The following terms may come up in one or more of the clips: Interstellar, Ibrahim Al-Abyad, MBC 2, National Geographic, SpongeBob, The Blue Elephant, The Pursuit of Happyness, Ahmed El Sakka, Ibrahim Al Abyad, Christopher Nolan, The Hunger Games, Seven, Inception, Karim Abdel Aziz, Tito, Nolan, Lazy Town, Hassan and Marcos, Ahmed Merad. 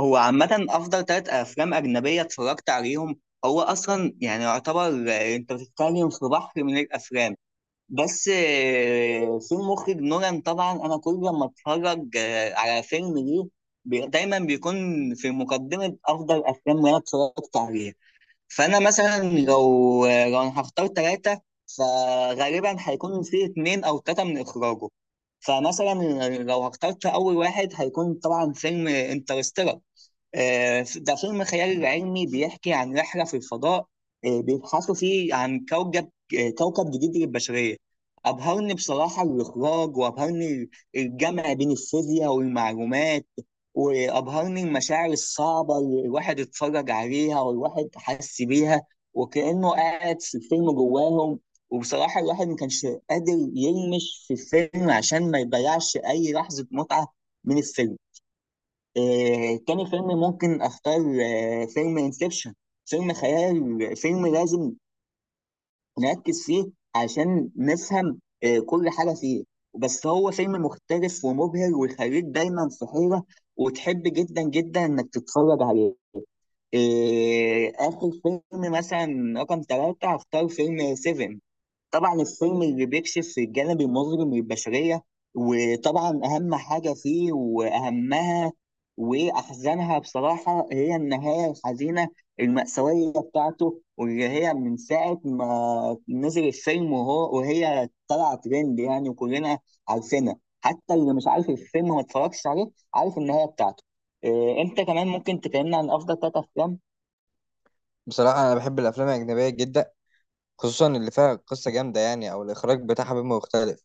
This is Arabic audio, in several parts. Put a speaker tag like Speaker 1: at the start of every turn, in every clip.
Speaker 1: هو عامة أفضل تلات أفلام أجنبية اتفرجت عليهم. هو أصلا يعني يعتبر. أنت بتتكلم في بحر من الأفلام. بس في المخرج نولان، طبعا أنا كل لما أتفرج على فيلم ليه دايما بيكون في مقدمة أفضل أفلام اللي أنا اتفرجت عليها. فأنا مثلا لو أنا هختار تلاتة، فغالبا هيكون في اتنين أو تلاتة من إخراجه. فمثلا، لو اخترت أول واحد هيكون طبعا فيلم انترستيلر. ده فيلم خيال علمي بيحكي عن رحلة في الفضاء. بيبحثوا فيه عن كوكب جديد للبشرية. أبهرني بصراحة الإخراج، وأبهرني الجمع بين الفيزياء والمعلومات، وأبهرني المشاعر الصعبة اللي الواحد اتفرج عليها والواحد حس بيها وكأنه قاعد في الفيلم جواهم. وبصراحة الواحد ما كانش قادر يلمش في الفيلم عشان ما يضيعش أي لحظة متعة من الفيلم. تاني فيلم ممكن اختار فيلم انسبشن. فيلم خيال، فيلم لازم نركز فيه عشان نفهم كل حاجة فيه. بس هو فيلم مختلف ومبهر، ويخليك دايما في حيرة، وتحب جدا جدا انك تتفرج عليه. اخر فيلم مثلا رقم ثلاثة هختار فيلم سيفن. طبعا الفيلم اللي بيكشف الجانب المظلم للبشرية، وطبعا أهم حاجة فيه، وأهمها وأحزنها بصراحة، هي النهاية الحزينة المأساوية بتاعته، واللي هي من ساعة ما نزل الفيلم وهو وهي طلع ترند يعني، وكلنا عارفينها. حتى اللي مش عارف الفيلم، ما اتفرجش عليه، عارف النهاية بتاعته. إيه، أنت كمان ممكن تكلمنا عن أفضل ثلاث أفلام؟
Speaker 2: بصراحة أنا بحب الأفلام الأجنبية جدا، خصوصا اللي فيها قصة جامدة يعني أو الإخراج بتاعها بيبقى مختلف.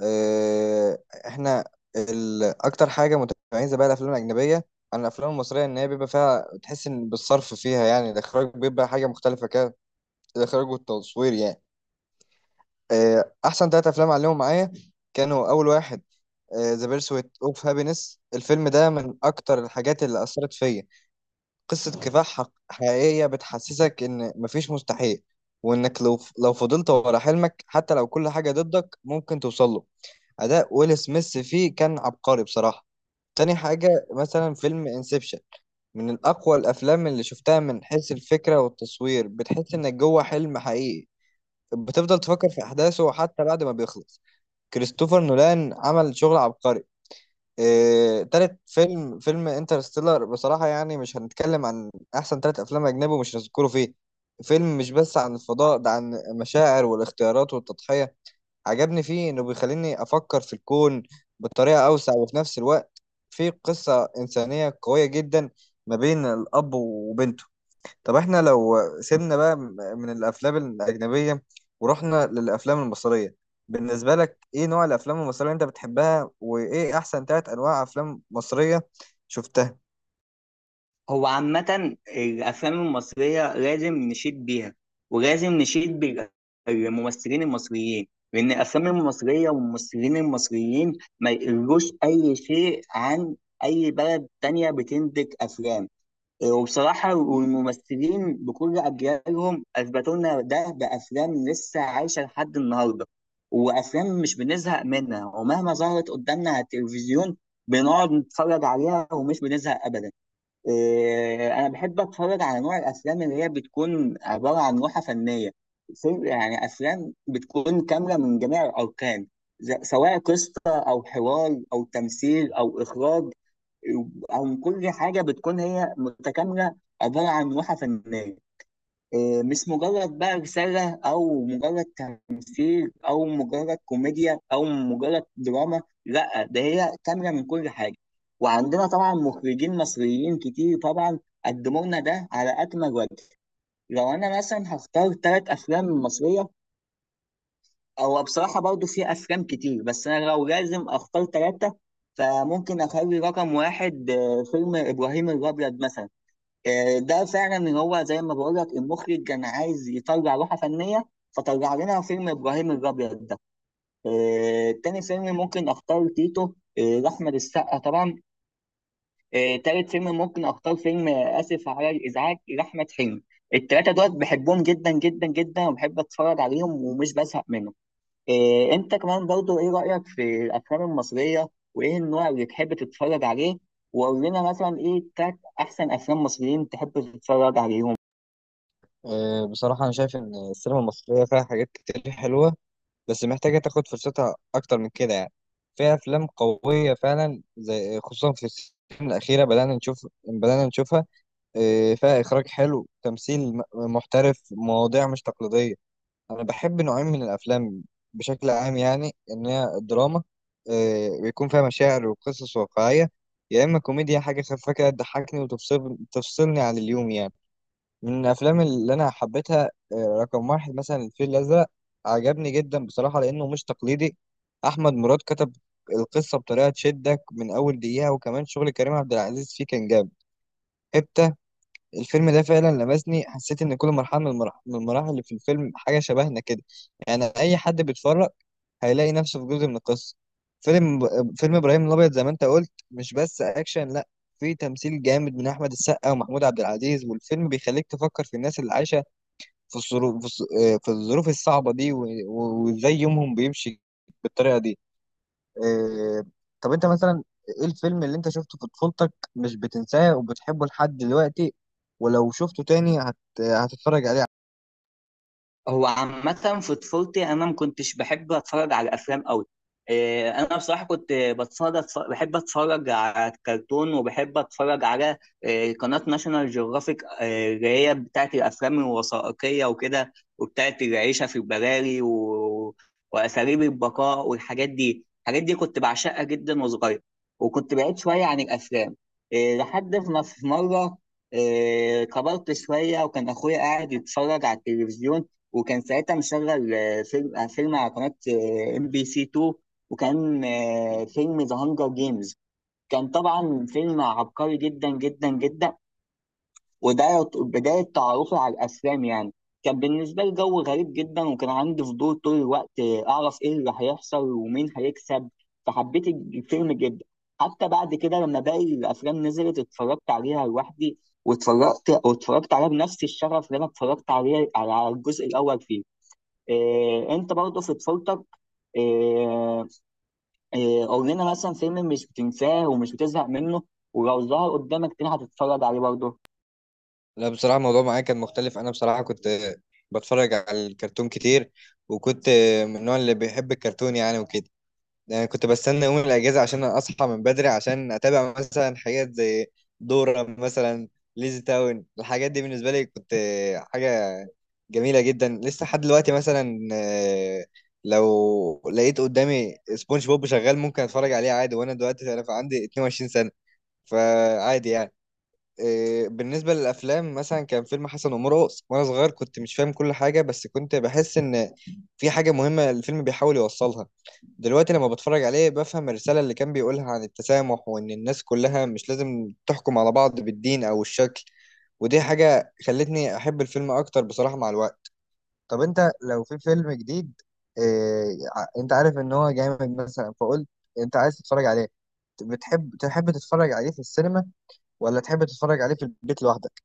Speaker 2: آه، إحنا أكتر حاجة متميزة بقى الأفلام الأجنبية عن الأفلام المصرية إن هي بيبقى فيها، تحس إن بالصرف فيها يعني الإخراج بيبقى حاجة مختلفة كده، الإخراج والتصوير يعني. أحسن تلات أفلام عليهم معايا كانوا: أول واحد ذا بيرسويت أوف هابينس. الفيلم ده من أكتر الحاجات اللي أثرت فيا، قصة كفاح حقيقية بتحسسك إن مفيش مستحيل، وإنك لو فضلت ورا حلمك حتى لو كل حاجة ضدك ممكن توصل له. أداء ويل سميث فيه كان عبقري بصراحة. تاني حاجة مثلا فيلم انسبشن، من أقوى الأفلام اللي شفتها من حيث الفكرة والتصوير، بتحس إنك جوه حلم حقيقي، بتفضل تفكر في أحداثه حتى بعد ما بيخلص. كريستوفر نولان عمل شغل عبقري. تالت فيلم انترستيلر، بصراحة يعني مش هنتكلم عن أحسن تلات أفلام أجنبي ومش هنذكره فيه. فيلم مش بس عن الفضاء، ده عن المشاعر والاختيارات والتضحية. عجبني فيه إنه بيخليني أفكر في الكون بطريقة أوسع، وفي نفس الوقت فيه قصة إنسانية قوية جدا ما بين الأب وبنته. طب احنا لو سيبنا بقى من الافلام الاجنبيه ورحنا للافلام المصريه، بالنسبه لك ايه نوع الافلام المصريه اللي انت بتحبها، وايه احسن ثلاث انواع افلام مصريه شفتها؟
Speaker 1: هو عامة الأفلام المصرية لازم نشيد بيها، ولازم نشيد بالممثلين المصريين، لأن الأفلام المصرية والممثلين المصريين ما يقلوش أي شيء عن أي بلد تانية بتنتج أفلام. وبصراحة والممثلين بكل أجيالهم أثبتوا لنا ده بأفلام لسه عايشة لحد النهاردة، وأفلام مش بنزهق منها. ومهما ظهرت قدامنا على التلفزيون بنقعد نتفرج عليها ومش بنزهق أبدا. إيه، انا بحب اتفرج على نوع الافلام اللي هي بتكون عباره عن لوحه فنيه. يعني افلام بتكون كامله من جميع الاركان، سواء قصه او حوار او تمثيل او اخراج، او كل حاجه بتكون هي متكامله، عباره عن لوحه فنيه. إيه، مش مجرد بقى رسالة، أو مجرد تمثيل، أو مجرد كوميديا، أو مجرد دراما. لأ، ده هي كاملة من كل حاجة. وعندنا طبعا مخرجين مصريين كتير، طبعا قدموا لنا ده على أكمل وجه. لو أنا مثلا هختار تلات أفلام مصرية، أو بصراحة برضو في أفلام كتير، بس أنا لو لازم أختار تلاتة، فممكن أخلي رقم واحد فيلم إبراهيم الأبيض مثلا. ده فعلا هو زي ما بقول لك، المخرج كان عايز يطلع لوحه فنيه، فطلع لنا فيلم ابراهيم الابيض ده. تاني فيلم ممكن اختار تيتو، لاحمد السقا طبعا. تالت فيلم ممكن اختار فيلم اسف على الازعاج لاحمد حلمي. التلاته دول بحبهم جدا جدا جدا، وبحب اتفرج عليهم ومش بزهق منهم. انت كمان برضو، ايه رايك في الافلام المصريه؟ وايه النوع اللي تحب تتفرج عليه؟ وقول لنا مثلا ايه تلات احسن افلام مصريين تحب تتفرج عليهم؟
Speaker 2: بصراحة أنا شايف إن السينما المصرية فيها حاجات كتير حلوة، بس محتاجة تاخد فرصتها أكتر من كده يعني. فيها أفلام قوية فعلا، زي خصوصا في السنين الأخيرة بدأنا نشوفها. فيها إخراج حلو، تمثيل محترف، مواضيع مش تقليدية. انا بحب نوعين من الافلام بشكل عام يعني، ان هي الدراما، بيكون فيها مشاعر وقصص واقعيه، يا اما كوميديا حاجه خفيفه كده تضحكني تفصلني عن اليوم يعني. من الافلام اللي انا حبيتها، رقم واحد مثلا الفيل الازرق، عجبني جدا بصراحه لانه مش تقليدي. احمد مراد كتب القصه بطريقه تشدك من اول دقيقه، وكمان شغل كريم عبد العزيز فيه كان جامد. الفيلم ده فعلا لمسني، حسيت ان كل مرحله من المراحل اللي في الفيلم حاجه شبهنا كده، يعني اي حد بيتفرج هيلاقي نفسه في جزء من القصه. فيلم فيلم ابراهيم الابيض زي ما انت قلت مش بس اكشن، لا، في تمثيل جامد من احمد السقا ومحمود عبد العزيز، والفيلم بيخليك تفكر في الناس اللي عايشه في الظروف في الظ- في الظروف الصعبه دي وازاي يومهم بيمشي بالطريقه دي. آه، طب انت مثلا ايه الفيلم اللي انت شفته في طفولتك مش بتنساه وبتحبه لحد دلوقتي، ولو شفته تاني هتتفرج عليه؟
Speaker 1: هو عامة في طفولتي أنا ما كنتش بحب أتفرج على أفلام أوي. إيه، أنا بصراحة كنت بحب أتفرج على الكرتون، وبحب أتفرج على قناة ناشونال جيوغرافيك، اللي هي بتاعت الأفلام الوثائقية وكده، وبتاعت العيشة في البراري، وأساليب البقاء والحاجات دي، الحاجات دي كنت بعشقها جدا وصغير، وكنت بعيد شوية عن الأفلام. إيه، لحد ما في مرة، كبرت شوية، وكان أخويا قاعد يتفرج على التلفزيون. وكان ساعتها مشغل فيلم على قناة ام بي سي 2. وكان فيلم ذا هانجر جيمز. كان طبعا فيلم عبقري جدا جدا جدا. وده بداية تعرفي على الأفلام يعني. كان بالنسبة لي جو غريب جدا، وكان عندي فضول طول الوقت، أعرف إيه اللي هيحصل ومين هيكسب. فحبيت الفيلم جدا. حتى بعد كده، لما باقي الأفلام نزلت، اتفرجت عليها لوحدي، واتفرجت عليها بنفس الشغف اللي أنا اتفرجت عليه على الجزء الأول فيه. إيه، انت برضه في طفولتك، إيه إيه قول لنا مثلا فيلم مش بتنساه ومش بتزهق منه، ولو ظهر قدامك تاني هتتفرج عليه برضه؟
Speaker 2: لا بصراحة الموضوع معايا كان مختلف. أنا بصراحة كنت بتفرج على الكرتون كتير، وكنت من النوع اللي بيحب الكرتون يعني وكده. يعني كنت بستنى يوم الأجازة عشان أصحى من بدري عشان أتابع مثلا حاجات زي دورة مثلا، ليزي تاون. الحاجات دي بالنسبة لي كنت حاجة جميلة جدا، لسه لحد دلوقتي مثلا لو لقيت قدامي سبونج بوب شغال ممكن اتفرج عليه عادي، وانا دلوقتي انا عندي 22 سنة، فعادي يعني. بالنسبة للأفلام مثلا كان فيلم حسن ومرقص، وأنا صغير كنت مش فاهم كل حاجة، بس كنت بحس إن في حاجة مهمة الفيلم بيحاول يوصلها. دلوقتي لما بتفرج عليه بفهم الرسالة اللي كان بيقولها عن التسامح، وإن الناس كلها مش لازم تحكم على بعض بالدين أو الشكل، ودي حاجة خلتني أحب الفيلم أكتر بصراحة مع الوقت. طب انت لو في فيلم جديد، إيه انت عارف ان هو جامد مثلا فقلت انت عايز تتفرج عليه، بتحب تتفرج عليه في السينما، ولا تحب تتفرج عليه في البيت لوحدك؟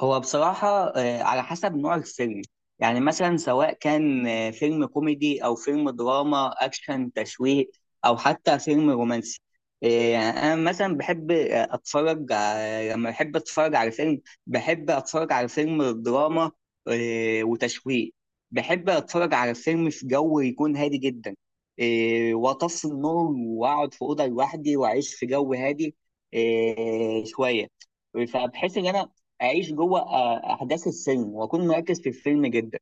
Speaker 1: هو بصراحة على حسب نوع الفيلم. يعني مثلا سواء كان فيلم كوميدي، أو فيلم دراما، أكشن، تشويق، أو حتى فيلم رومانسي. يعني أنا مثلا بحب، لما بحب أتفرج على فيلم دراما وتشويق. بحب أتفرج على فيلم في جو يكون هادي جدا، وأطفي النور، وأقعد في أوضة لوحدي، وأعيش في جو هادي شوية. فبحس ان انا اعيش جوه احداث السينما، واكون مركز في الفيلم جدا.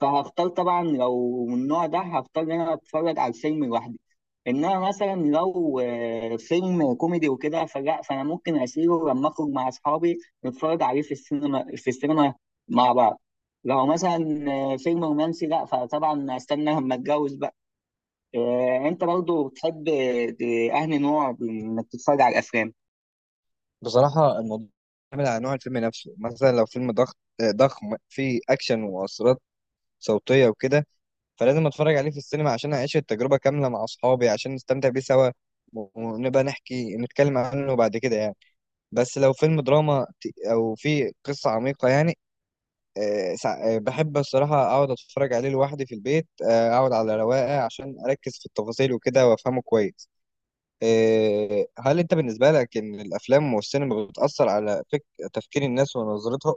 Speaker 1: فهختار طبعا، لو من النوع ده، هختار ان انا اتفرج على الفيلم لوحدي. انما مثلا، لو فيلم كوميدي وكده فلا، فانا ممكن اشيله لما اخرج مع اصحابي، نتفرج عليه في السينما مع بعض. لو مثلا فيلم رومانسي لا، فطبعا استنى لما اتجوز بقى. انت برضو بتحب اهني نوع انك تتفرج على الافلام؟
Speaker 2: بصراحة الموضوع بيعتمد على نوع الفيلم نفسه. مثلا لو فيلم ضغط آه، ضخم فيه اكشن ومؤثرات صوتية وكده، فلازم اتفرج عليه في السينما عشان اعيش التجربة كاملة مع اصحابي عشان نستمتع بيه سوا، ونبقى نتكلم عنه بعد كده يعني. بس لو فيلم دراما او فيه قصة عميقة يعني، بحب الصراحة أقعد أتفرج عليه لوحدي في البيت، أقعد على رواقة عشان أركز في التفاصيل وكده وأفهمه كويس. هل أنت بالنسبة لك إن الأفلام والسينما بتأثر على تفكير الناس ونظرتها؟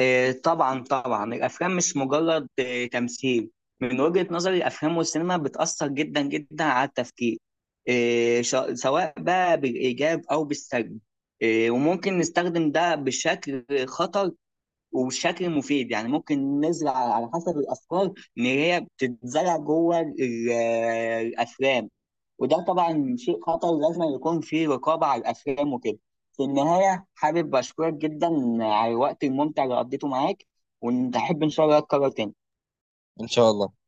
Speaker 1: طبعا طبعا، الافلام مش مجرد تمثيل. من وجهة نظري، الافلام والسينما بتاثر جدا جدا على التفكير، سواء بقى بالايجاب او بالسلب. وممكن نستخدم ده بشكل خطر، وبشكل مفيد، يعني ممكن نزرع على حسب الافكار ان هي بتتزرع جوه الافلام. وده طبعا شيء خطر، لازم يكون فيه رقابة على الأفلام وكده. في النهاية، حابب أشكرك جدا على الوقت الممتع اللي قضيته معاك، ونحب إن شاء الله أتكرر تاني.
Speaker 2: إن شاء الله.